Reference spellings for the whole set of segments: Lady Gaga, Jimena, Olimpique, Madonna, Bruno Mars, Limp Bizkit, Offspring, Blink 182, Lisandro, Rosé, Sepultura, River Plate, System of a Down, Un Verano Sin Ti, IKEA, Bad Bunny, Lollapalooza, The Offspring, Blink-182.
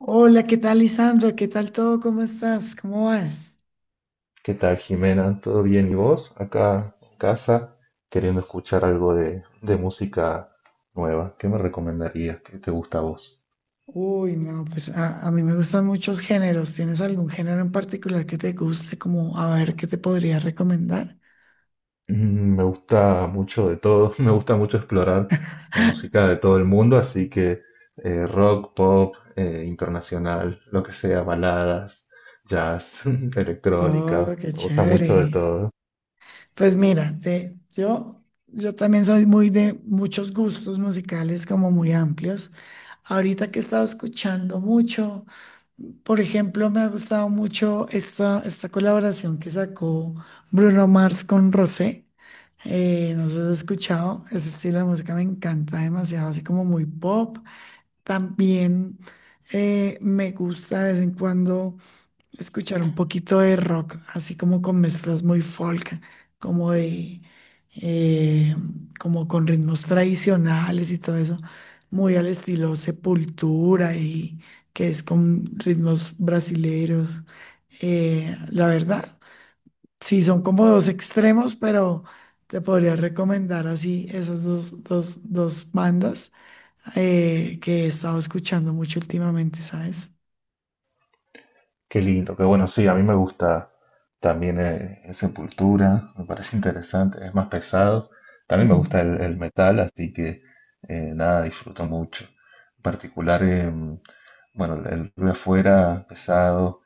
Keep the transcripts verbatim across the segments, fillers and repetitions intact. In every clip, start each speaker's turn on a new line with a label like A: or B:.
A: Hola, ¿qué tal, Lisandro? ¿Qué tal todo? ¿Cómo estás? ¿Cómo vas?
B: ¿Qué tal, Jimena? ¿Todo bien? ¿Y vos? Acá en casa, queriendo escuchar algo de, de música nueva. ¿Qué me recomendarías? ¿Qué te gusta a vos?
A: Uy, no, pues a, a mí me gustan muchos géneros. ¿Tienes algún género en particular que te guste? Como a ver, ¿qué te podría recomendar?
B: Mm, Me gusta mucho de todo, me gusta mucho explorar la música de todo el mundo, así que eh, rock, pop, eh, internacional, lo que sea, baladas, jazz,
A: Oh,
B: electrónica,
A: qué
B: me gusta mucho de
A: chévere.
B: todo.
A: Pues mira, te, yo, yo también soy muy de muchos gustos musicales como muy amplios. Ahorita que he estado escuchando mucho. Por ejemplo, me ha gustado mucho esta, esta colaboración que sacó Bruno Mars con Rosé. Eh, no sé si has escuchado, ese estilo de música me encanta demasiado, así como muy pop. También eh, me gusta de vez en cuando escuchar un poquito de rock, así como con mezclas muy folk, como de, eh, como con ritmos tradicionales y todo eso, muy al estilo Sepultura y que es con ritmos brasileros. Eh, la verdad, sí, son como dos extremos, pero te podría recomendar así esas dos, dos, dos bandas eh, que he estado escuchando mucho últimamente, ¿sabes?
B: Qué lindo, qué bueno, sí, a mí me gusta también eh, Sepultura, me parece interesante, es más pesado, también me gusta
A: Mm,
B: el, el metal, así que eh, nada, disfruto mucho. En particular, em, bueno, el, el ruido afuera, pesado,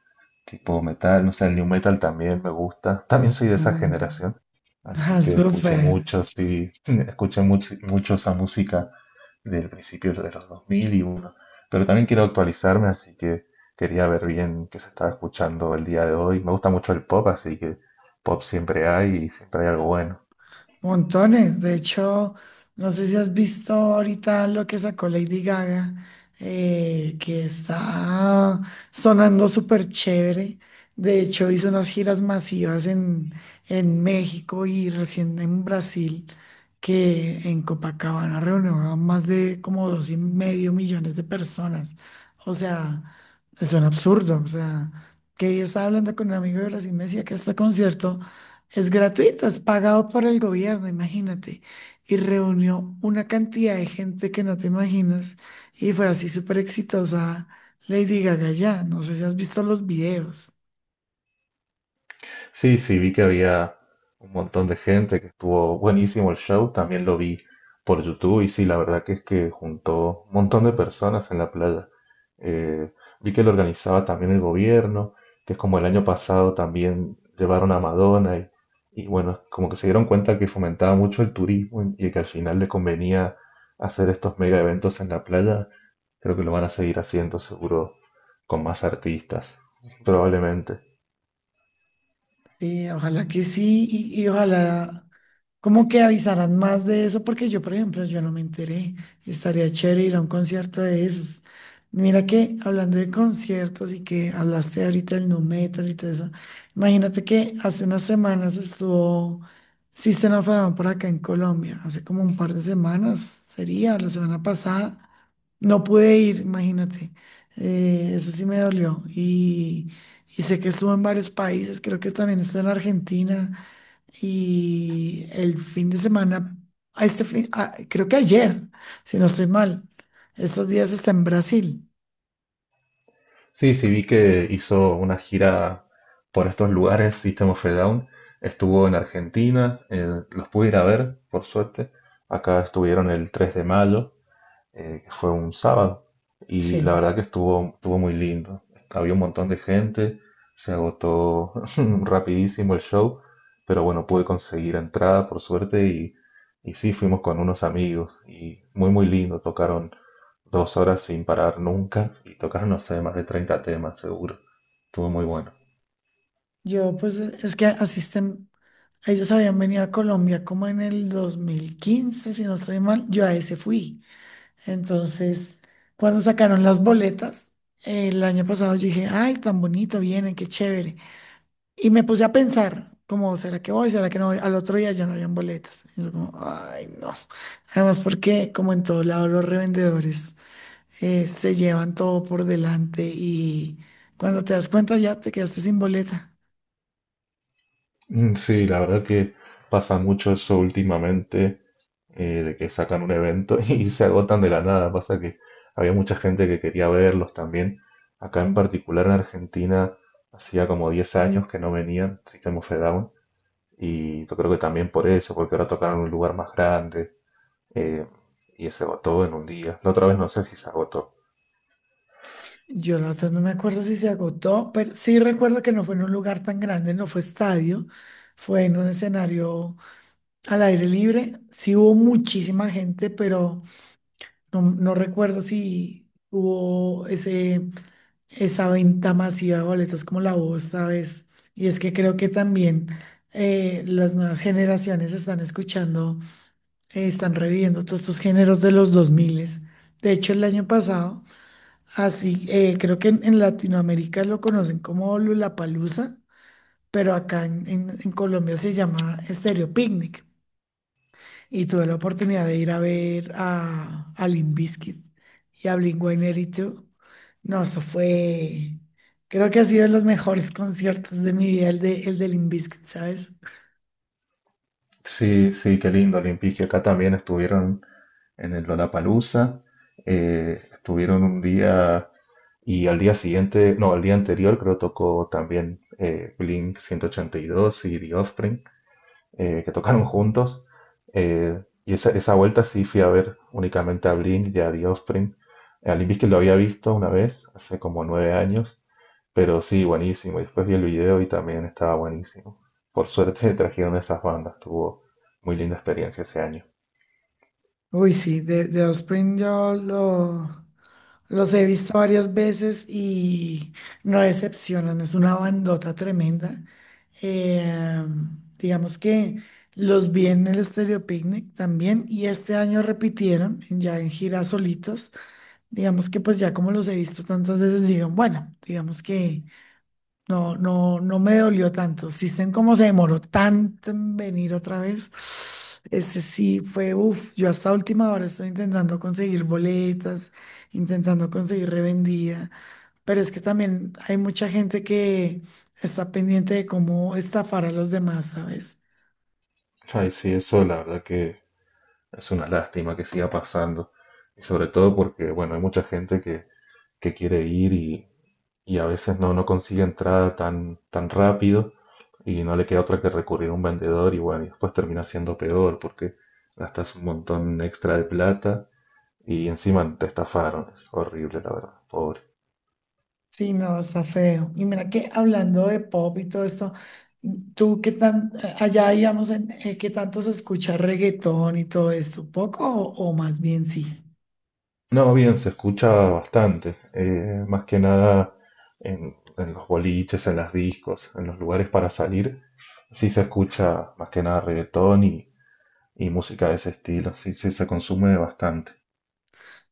B: tipo metal, no sé, el new metal también me gusta, también soy de esa
A: mm.
B: generación, así
A: Ah,
B: que escuché
A: súper.
B: mucho, sí, escuché mucho, mucho esa música del principio de los dos mil y uno, pero también quiero actualizarme, así que. Quería ver bien qué se estaba escuchando el día de hoy. Me gusta mucho el pop, así que pop siempre hay y siempre hay algo bueno.
A: Montones. De hecho, no sé si has visto ahorita lo que sacó Lady Gaga, eh, que está sonando súper chévere. De hecho, hizo unas giras masivas en, en México y recién en Brasil, que en Copacabana reunió a más de como dos y medio millones de personas. O sea, es un absurdo. O sea, que yo estaba hablando con un amigo de Brasil y me decía que este concierto. Es gratuito, es pagado por el gobierno, imagínate. Y reunió una cantidad de gente que no te imaginas. Y fue así súper exitosa Lady Gaga ya. No sé si has visto los videos.
B: Sí, sí, vi que había un montón de gente que estuvo buenísimo el show. También lo vi por YouTube y sí, la verdad que es que juntó un montón de personas en la playa. Eh, vi que lo organizaba también el gobierno, que es como el año pasado también llevaron a Madonna y, y bueno, como que se dieron cuenta que fomentaba mucho el turismo y que al final le convenía hacer estos mega eventos en la playa. Creo que lo van a seguir haciendo seguro con más artistas, probablemente.
A: Sí, ojalá que sí y, y ojalá ¿cómo que avisarán más de eso? Porque yo, por ejemplo, yo no me enteré. Estaría chévere ir a un concierto de esos. Mira que hablando de conciertos y que hablaste ahorita del nu metal y todo eso, imagínate que hace unas semanas estuvo System of a Down por acá en Colombia, hace como un par de semanas, sería la semana pasada. No pude ir, imagínate. Eh, eso sí me dolió. Y, y sé que estuvo en varios países, creo que también estuvo en Argentina. Y el fin de semana, a este fin, a- creo que ayer, si no estoy mal, estos días está en Brasil.
B: Sí, sí, vi que hizo una gira por estos lugares, System of a Down. Estuvo en Argentina, eh, los pude ir a ver, por suerte. Acá estuvieron el tres de mayo eh, que fue un sábado, y la
A: Sí,
B: verdad que estuvo, estuvo muy lindo. Había un montón de gente, se agotó rapidísimo el show, pero bueno, pude conseguir entrada por suerte y, y sí, fuimos con unos amigos y muy muy lindo, tocaron dos horas sin parar nunca y tocaron, no sé, más de treinta temas seguro. Estuvo muy bueno.
A: yo pues eh, es que asisten, ellos habían venido a Colombia como en el dos mil quince si no estoy mal, yo a ese fui. Entonces, cuando sacaron las boletas, el año pasado yo dije, ay, tan bonito, vienen, qué chévere. Y me puse a pensar, como, ¿será que voy? ¿Será que no voy? Al otro día ya no habían boletas. Y yo como, ay, no. Además, porque como en todo lado los revendedores eh, se llevan todo por delante y cuando te das cuenta ya te quedaste sin boleta.
B: Mm, sí, la verdad que pasa mucho eso últimamente eh, de que sacan un evento y se agotan de la nada. Pasa que había mucha gente que quería verlos también. Acá en particular en Argentina hacía como diez años que no venían System of a Down y yo creo que también por eso, porque ahora tocaron en un lugar más grande eh, y se agotó en un día. La otra vez no sé si se agotó.
A: Yo la otra no me acuerdo si se agotó, pero sí recuerdo que no fue en un lugar tan grande, no fue estadio, fue en un escenario al aire libre. Sí hubo muchísima gente, pero No, no recuerdo si hubo ese, esa venta masiva de boletos como la voz, ¿sabes? Y es que creo que también eh, las nuevas generaciones están escuchando, eh, están reviviendo todos estos géneros de los dos mil. De hecho, el año pasado, así, eh, creo que en, en Latinoamérica lo conocen como Lollapalooza, pero acá en, en- en Colombia se llama Estéreo Picnic y tuve la oportunidad de ir a ver a, a Limp Bizkit y a Blink ciento ochenta y dos. No, eso fue, creo que ha sido de los mejores conciertos de mi vida, el de, el de Limp Bizkit, ¿sabes?
B: Sí, sí, qué lindo, Olimpique. Acá también estuvieron en el Lollapalooza. Eh, estuvieron un día y al día siguiente, no, al día anterior creo tocó también eh, Blink ciento ochenta y dos y dos y The Offspring, eh, que tocaron juntos. Eh, y esa, esa vuelta sí fui a ver únicamente a Blink y a The Offspring. A Limp Bizkit lo había visto una vez, hace como nueve años, pero sí, buenísimo. Y después vi el video y también estaba buenísimo. Por suerte trajeron esas bandas, tuvo muy linda experiencia ese año.
A: Uy, sí, de, de Offspring yo lo- los he visto varias veces y no decepcionan, es una bandota tremenda. Eh, digamos que los vi en el Stereo Picnic también y este año repitieron ya en gira solitos. Digamos que pues ya como los he visto tantas veces, digan, bueno, digamos que no, no, no me dolió tanto. Si System cómo se demoró tanto en venir otra vez. Ese sí fue, uff, yo hasta última hora estoy intentando conseguir boletas, intentando conseguir revendida, pero es que también hay mucha gente que está pendiente de cómo estafar a los demás, ¿sabes?
B: Ay, sí, eso la verdad que es una lástima que siga pasando. Y sobre todo porque, bueno, hay mucha gente que, que quiere ir y, y a veces no, no consigue entrada tan, tan rápido y no le queda otra que recurrir a un vendedor y bueno, y después termina siendo peor porque gastas un montón extra de plata y encima te estafaron. Es horrible, la verdad, pobre.
A: Sí, no, está feo. Y mira que hablando de pop y todo esto, mm, tú qué tan, eh, allá digamos, en, eh, qué tanto se escucha reggaetón y todo esto, poco o, o más bien sí.
B: No, bien, se escucha bastante, eh, más que nada en, en los boliches, en las discos, en los lugares para salir, sí se escucha más que nada reggaetón y, y música de ese estilo, sí, sí se consume bastante.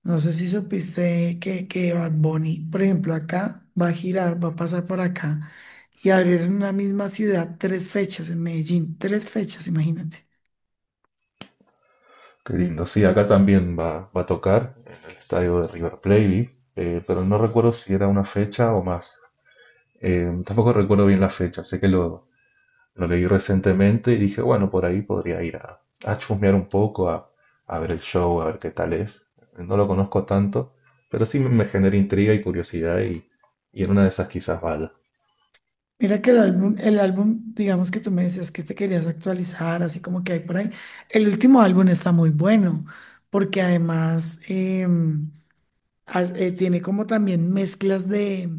A: No sé si supiste que, que Bad Bunny, por ejemplo, acá va a girar, va a pasar por acá y abrir en una misma ciudad tres fechas en Medellín, tres fechas, imagínate.
B: Qué lindo, sí, acá también va, va a tocar en el estadio de River Plate, vi, eh, pero no recuerdo si era una fecha o más. Eh, tampoco recuerdo bien la fecha, sé que lo, lo leí recientemente y dije, bueno, por ahí podría ir a, a chusmear un poco, a, a ver el show, a ver qué tal es. No lo conozco tanto, pero sí me genera intriga y curiosidad y, y en una de esas quizás vaya.
A: Mira que el álbum, el álbum, digamos que tú me decías que te querías actualizar, así como que hay por ahí. El último álbum está muy bueno, porque además em, has- eh, tiene como también mezclas de,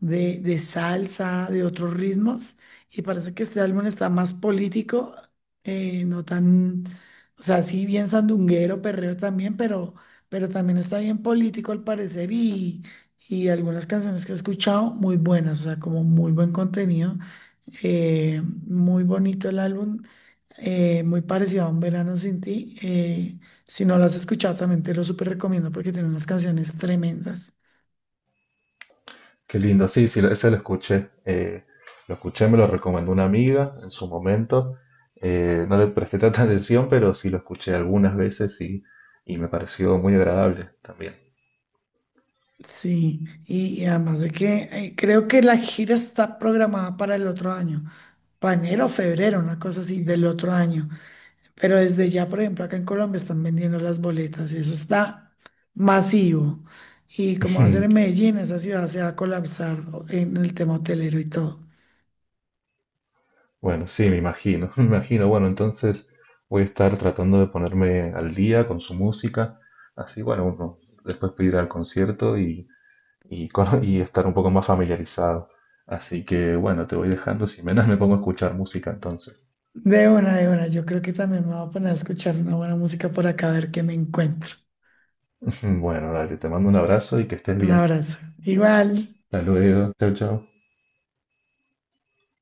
A: de, de salsa, de otros ritmos, y parece que este álbum está más político, eh, no tan, o sea, sí bien sandunguero, perreo también, pero, pero también está bien político al parecer y, y algunas canciones que he escuchado muy buenas, o sea, como muy buen contenido, eh, muy bonito el álbum. Eh, muy parecido a Un Verano Sin Ti. Eh, si no lo has escuchado, también te lo súper recomiendo porque tiene unas canciones tremendas.
B: Qué lindo, sí, sí, ese lo escuché. Eh, lo escuché, me lo recomendó una amiga en su momento. Eh, no le presté tanta atención, pero sí lo escuché algunas veces y, y me pareció muy agradable también.
A: Sí, y, y además de que eh, creo que la gira está programada para el otro año, para enero o febrero, una cosa así del otro año. Pero desde ya, por ejemplo, acá en Colombia están vendiendo las boletas y eso está masivo. Y como va a ser en Medellín, esa ciudad se va a colapsar en el tema hotelero y todo.
B: Bueno, sí, me imagino, me imagino. Bueno, entonces voy a estar tratando de ponerme al día con su música, así, bueno, uno después puede ir al concierto y, y, con- y estar un poco más familiarizado. Así que, bueno, te voy dejando, si menos me pongo a escuchar música entonces.
A: De una, de una, yo creo que también me voy a poner a escuchar una buena música por acá a ver qué me encuentro.
B: Bueno, dale, te mando un abrazo y que estés
A: Un
B: bien.
A: abrazo. Igual.
B: Hasta luego, chao, chao.